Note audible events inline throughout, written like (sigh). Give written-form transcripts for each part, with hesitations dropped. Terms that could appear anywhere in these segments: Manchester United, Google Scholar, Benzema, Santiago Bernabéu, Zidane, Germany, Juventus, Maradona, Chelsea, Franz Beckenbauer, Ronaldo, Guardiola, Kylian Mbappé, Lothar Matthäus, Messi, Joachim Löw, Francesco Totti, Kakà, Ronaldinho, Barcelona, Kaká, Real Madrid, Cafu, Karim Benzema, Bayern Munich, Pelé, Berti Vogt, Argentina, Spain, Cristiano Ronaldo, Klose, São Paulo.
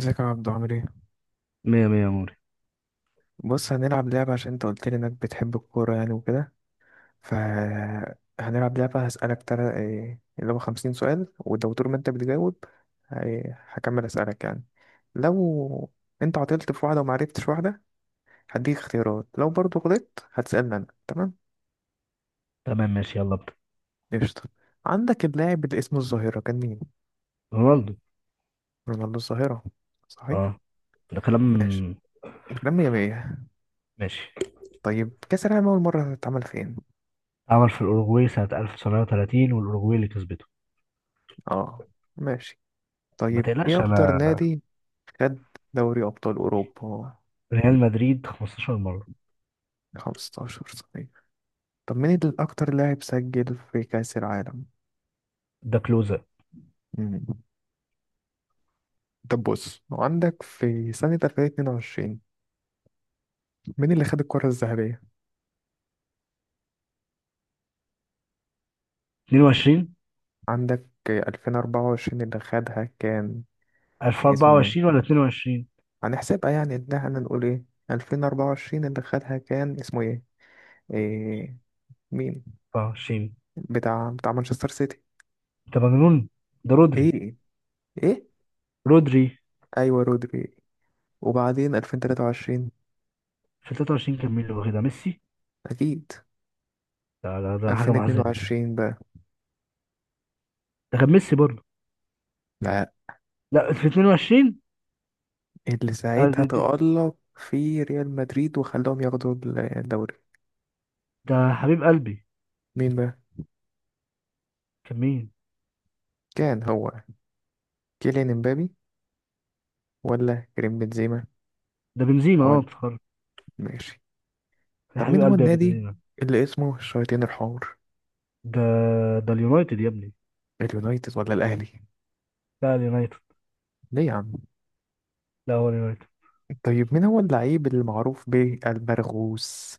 ازيك يا عبدو؟ عامل ايه؟ مية مية يا موري. بص، هنلعب لعبة عشان انت قلت لي انك بتحب الكورة يعني وكده. ف هنلعب لعبة، هسألك ترى ايه اللي هو 50 سؤال، ولو طول ما انت بتجاوب هكمل اسألك يعني. لو انت عطلت في واحدة ومعرفتش واحدة هديك اختيارات، لو برضو غلطت هتسألني انا. تمام؟ تمام، ماشي، يلا ابدأ. قشطة. عندك اللاعب اللي اسمه الظاهرة كان مين؟ رونالدو. رونالدو الظاهرة، اه، صحيح. ده كلام. ماشي، الكلام مية مية. ماشي. طيب كأس العالم أول مرة اتعمل فين؟ عمل في الأوروغواي سنة 1930 والأوروغواي اللي كسبته. اه، ماشي. ما طيب ايه تقلقش اكتر أنا. نادي خد دوري أبطال أوروبا؟ ريال مدريد 15 مرة. 15، صحيح. طب مين الأكتر لاعب سجل في كأس العالم؟ ده كلوزة. مم. طب بص، عندك في سنة 2022 مين اللي خد الكرة الذهبية؟ 22. عندك 2024 اللي خدها كان اسمه 1024 ايه؟ ولا 22؟ هنحسبها يعني ان احنا نقول ايه؟ 2024 اللي خدها كان اسمه ايه؟ إيه؟ مين؟ 24. بتاع مانشستر سيتي. أنت مجنون، ده رودري. ايه؟ ايه؟ رودري. ايوه، رودري. وبعدين 2023؟ في 23 كان مين اللي واخدها؟ ميسي. اكيد. ده حاجة محزنة. 2022 بقى؟ ده كان ميسي برضه. لا، لا، في 22. اللي ده, ساعتها ده, تألق في ريال مدريد وخلاهم ياخدوا الدوري. ده حبيب قلبي. مين بقى؟ كان مين؟ كان هو كيليان امبابي ولا كريم بنزيما ده بنزيما، اه ولا؟ افتكرت. ماشي. يا طب حبيب مين هو قلبي يا النادي بنزيما. اللي اسمه الشياطين الحمر؟ ده ده اليونايتد يا ابني. اليونايتد ولا الاهلي؟ لا، اليونايتد. ليه يا عم؟ لا، هو اليونايتد. طيب مين هو اللعيب المعروف بالبرغوث؟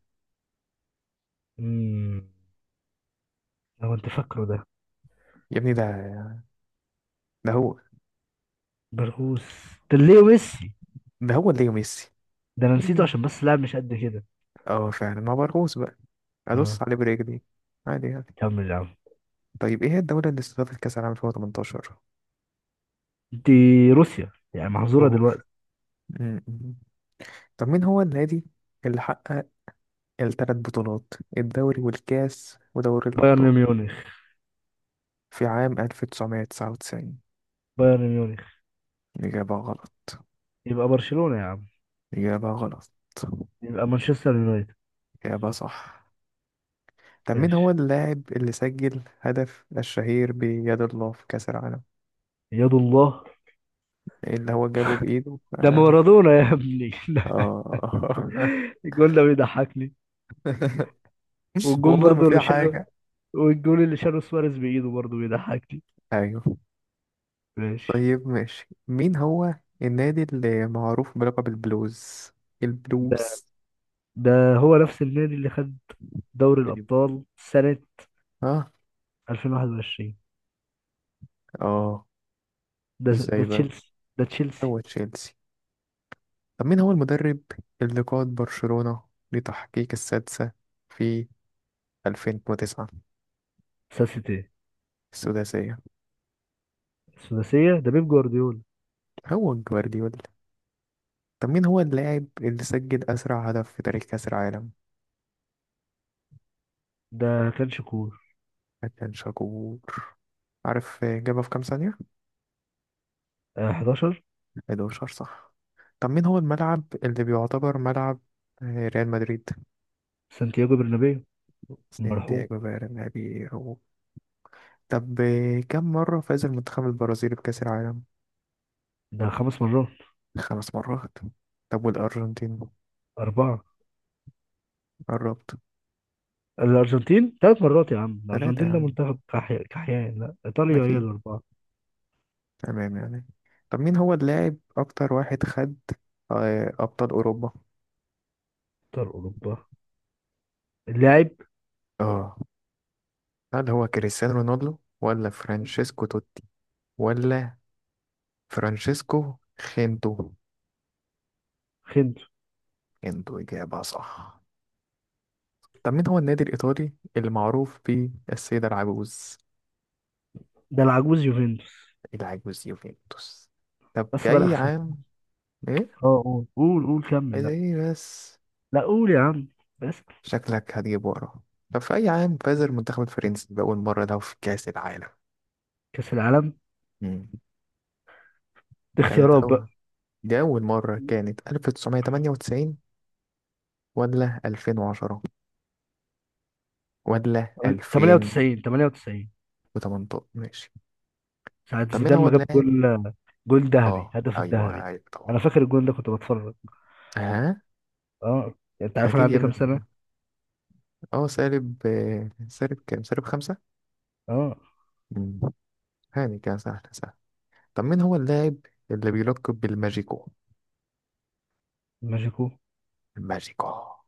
امم لو انت فاكره ده. يا ابني ده هو. برغوث. ده ليه ميسي. ده هو اللي ميسي. ده انا نسيته عشان ايه؟ بس لاعب مش قد كده. اه فعلا هو برغوث بقى، ادوس اه. عليه برجلي عادي يعني. كمل يا عم. طيب ايه هي الدولة اللي استضافت كأس العالم 2018؟ دي روسيا، يعني محظوره دلوقتي. الجمهور. مم. طب مين هو النادي اللي حقق الثلاث بطولات، الدوري والكاس ودوري بايرن الأبطال، ميونخ. في عام 1999؟ بايرن ميونخ. إجابة غلط. يبقى برشلونه يا عم. إجابة غلط. يبقى مانشستر يونايتد. إجابة صح. طب مين هو ماشي. اللاعب اللي سجل هدف الشهير بيد الله في كأس العالم، يد الله. اللي هو جابه بإيده؟ ده آه. مارادونا يا ابني (laughs) ده. آه. الجول ده بيضحكني. (laughs) والجون والله ما برضو في اللي شاله. حاجة. والجون اللي شاله سواريز بايده برضو بيضحكني. أيوه. ماشي. طيب ماشي، مين هو النادي اللي معروف بلقب البلوز؟ البلوز. ده هو نفس النادي اللي خد دوري أيوة. الأبطال سنة اه. 2021. اه. ده ازاي بقى؟ تشيلسي. ده تشيلسي. هو تشيلسي. طب مين هو المدرب اللي قاد برشلونة لتحقيق السادسة في 2009؟ ساسيتي. السداسية، السداسية ده بيب جوارديولا. هو جوارديولا. طب مين هو اللاعب اللي سجل أسرع هدف في تاريخ كأس العالم؟ ده كان شكور. كان شاكور. عارف جابها في كام ثانية؟ 11. 11، صح. طب مين هو الملعب اللي بيعتبر ملعب ريال مدريد؟ سانتياغو برنابيو. المرحوم. سانتياغو برنابيو. طب كم مرة فاز المنتخب البرازيلي بكأس العالم؟ ده خمس مرات. 5 مرات. طب والأرجنتين؟ أربعة. قربت. الأرجنتين ثلاث مرات يا عم. ثلاثة يا الأرجنتين ده عم، منتخب كحيان. لا، إيطاليا هي أكيد. الأربعة. تمام يعني. طب مين هو اللاعب أكتر واحد خد أبطال أوروبا؟ أبطال أوروبا. اللاعب. آه، هل هو كريستيانو رونالدو ولا فرانشيسكو توتي ولا فرانشيسكو خينتو؟ خنتو. خينتو، إجابة صح. طب مين هو النادي الإيطالي اللي معروف بيه السيدة العجوز؟ ده العجوز يوفنتوس. العجوز يوفنتوس. طب في بس بقى أي أخسر. عام؟ إيه؟ اه، قول قول قول، كمل. عايز لا. إيه بس؟ لا قول يا عم. بس. شكلك هتجيب ورا. طب في أي عام فاز المنتخب الفرنسي بأول مرة ده في كأس العالم؟ كأس العالم. مم. كانت اختيارات. أول، دي أول مرة، كانت 1998 ولا 2010 ولا 2018؟ 98 98. ماشي. ساعة طب مين زيدان هو ما جاب اللاعب؟ جول. جول ذهبي، اه، هدف أيوه الذهبي. أيوه طبعا. انا فاكر الجول ده كنت بتفرج. ها. اه. انت عارف انا أكيد يا عندي ابني. كام سنة؟ اه سالب سالب كام، سالب خمسة. اه. مم. هاني كان سهل سهل. طب مين هو اللاعب اللي بيلقب بالماجيكو؟ ماجيكو. الماجيكو.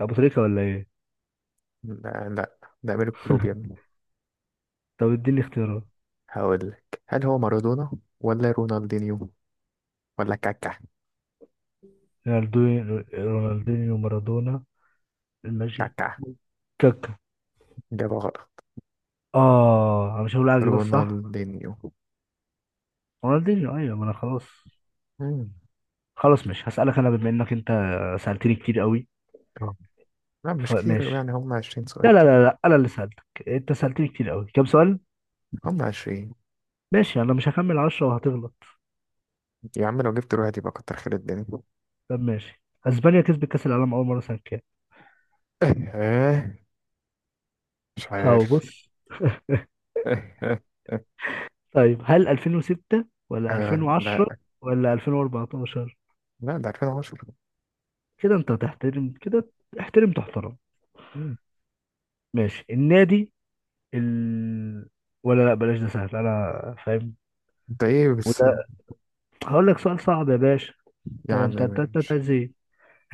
ابو تريكة ولا ايه؟ لا لا، ده أمير كلوب يا ابني. طب اديني اختيارات. هقول لك، هل هو مارادونا ولا رونالدينيو ولا كاكا؟ رونالدو. رونالدينيو، مارادونا. الماجيكو. كاكا، كاكا. إجابة غلط. اه، انا مش هقول اجيب الصح. رونالدينيو. رونالدينيو، ايوه، ما انا خلاص. مم. خلاص، مش هسألك انا بما انك انت سألتني كتير قوي. آه. لا مش كتير فماشي. يعني، هم 20 لا سؤال. لا لا لا، انا اللي سألتك، انت سألتني كتير قوي. كام سؤال؟ هم 20. ماشي، انا مش هكمل عشرة وهتغلط. يا عم لو جبت واحد يبقى كتر خير الدنيا. طب ماشي. اسبانيا كسبت كاس العالم اول مره سنه كام؟ (laughs) إيه؟ مش هاو، عارف. بص. (laughs) طيب هل 2006 ولا آه 2010 لا، ولا 2014؟ لا ده 2010. كده انت هتحترم كده. احترم تحترم. مم. ماشي النادي ال... ولا لا بلاش، ده سهل، انا فاهم. ده ايه بس؟ وده. هقول لك سؤال صعب يا باشا. انت يا عم انت انت انت أنت ماشي، ازاي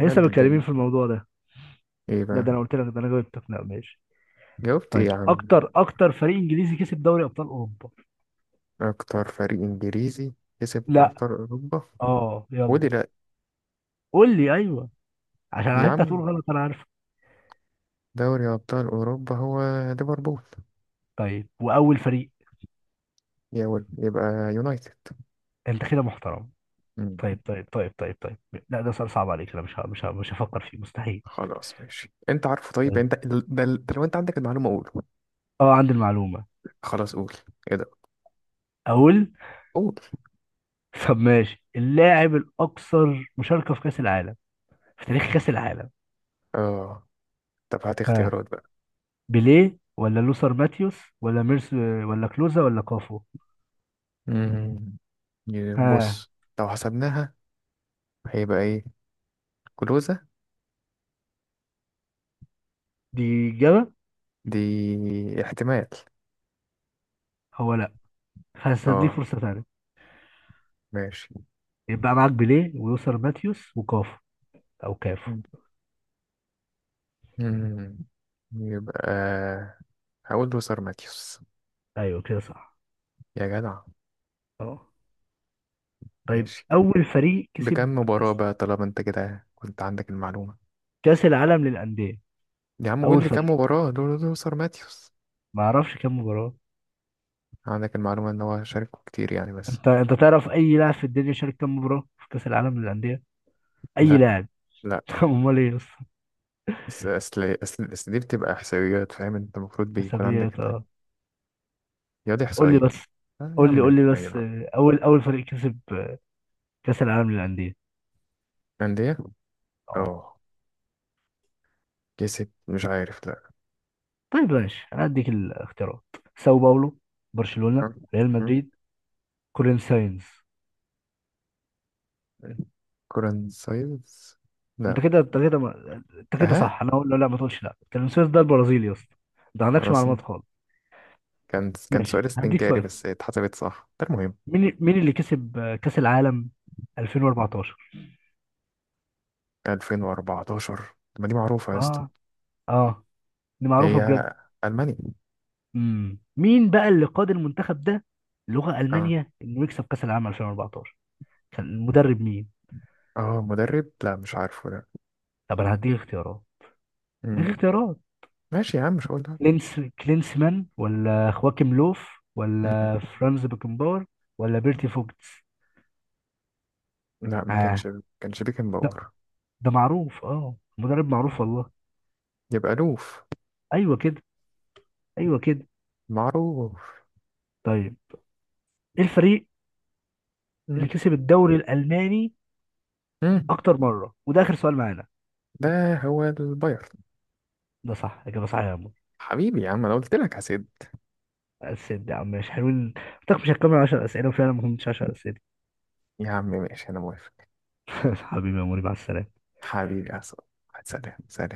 لسه مد متكلمين الدنيا. في الموضوع ده؟ ايه لا، بقى؟ ده انا قلت لك، ده انا جاوبتك. لا ماشي. جاوبت ايه طيب، يا عم؟ اكتر فريق انجليزي كسب دوري ابطال اوروبا. اكتر فريق انجليزي كسب لا. ابطال اوروبا اه يلا. ودلوقتي؟ قول لي ايوه عشان يا انت هتقول عم، غلط انا عارف. دوري أبطال أوروبا هو ليفربول. طيب، واول فريق. يبقى يونايتد. انت كده محترم. مم. طيب طيب طيب طيب طيب. لا، ده سؤال صعب عليك، انا مش هفكر فيه مستحيل. خلاص ماشي، أنت عارفه. طيب طيب. أنت ده لو أنت عندك المعلومة قول. اه، عندي المعلومه. خلاص قول، إيه ده؟ اقول. قول. طب ماشي، اللاعب الاكثر مشاركه في كاس العالم، في تاريخ كاس العالم. آه. طب هات ها. اختيارات بقى. بيليه ولا لوثر ماتيوس ولا ميرس ولا كلوزا ولا كافو؟ مم. ها. بص، لو حسبناها هيبقى إيه؟ كلوزة. دي اجابه. دي احتمال. هو لا. هديك آه، فرصه ثانيه. ماشي. يبقى معاك بيليه ولوثر ماتيوس وكافو. او كافو. مم. مم. يبقى هقول له سار ماتيوس. ايوه كده، صح. يا جدع. اه. طيب، ماشي، اول فريق بكم كسب مباراة بقى طالما انت كده كنت عندك المعلومة؟ كاس العالم للانديه. يا عم قول اول لي كم فريق. مباراة لوثر ماتيوس. ما اعرفش كام مباراه. عندك المعلومة ان هو شاركه كتير يعني بس. انت تعرف اي لاعب في الدنيا شارك كام مباراه في كاس العالم للانديه؟ اي لا. لاعب. لا. (laughs) امال ايه يا اسطى؟ بس اصل دي بتبقى احصائيات، فاهم؟ انت المفروض بيكون عندك حسابيات، انت. اه. يا دي قول لي احصائيات. بس. آه يا قول لي عم، قول لي غير بس، بقى. اول فريق كسب، كاس العالم للانديه. أندية. اه. اه، كسب مش عارف، لا. طيب ماشي، انا هديك الاختيارات. ساو باولو. م- برشلونه. ريال م- مدريد. كورين ساينز. كورن سايز. انت لا. كده، انت كده ما... انت كده ها. صح. انا اقول له لا، ما تقولش لا، كورين ساينز ده البرازيلي يا اسطى. انت ما أنا عندكش اصلا معلومات خالص. كان سؤال ماشي، هديك استنكاري سؤال. بس اتحسبت صح، ده المهم. مين اللي كسب، كأس العالم 2014. 2014؟ طب ما دي معروفة يا اسطى. اه. اه. دي معروفة هي بجد. ألمانيا. مين بقى اللي قاد المنتخب ده لغة اه. ألمانيا انه يكسب كأس العالم 2014؟ كان المدرب مين؟ اه، مدرب لا مش عارفه ده. طب انا هديك اختيارات. هديك مم. اختيارات. ماشي يا عم، مش هقول ده. كلينسمان ولا خواكيم لوف مم. ولا فرانز بيكنباور ولا بيرتي فوكتس؟ لا ما اه. كانش. كانش ده بيكنباور. ده معروف، اه مدرب معروف والله. يبقى لوف، ايوه كده. ايوه كده. معروف. طيب، ايه الفريق اللي مم. كسب الدوري الألماني مم. اكتر مره؟ وده اخر سؤال معانا. ده هو البايرن. ده صح، اجابه صحيحه يا عمور. حبيبي يا عم، انا قلت لك هسد. السيد يا عم مش حلوين. قلت لك مش هتكمل 10 اسئله وفعلا ما كملتش 10 اسئله. يا عم ماشي، انا موافق. (laughs) حبيبي يا موري، مع السلامه. حبيبي يا عصام، سلام سلام.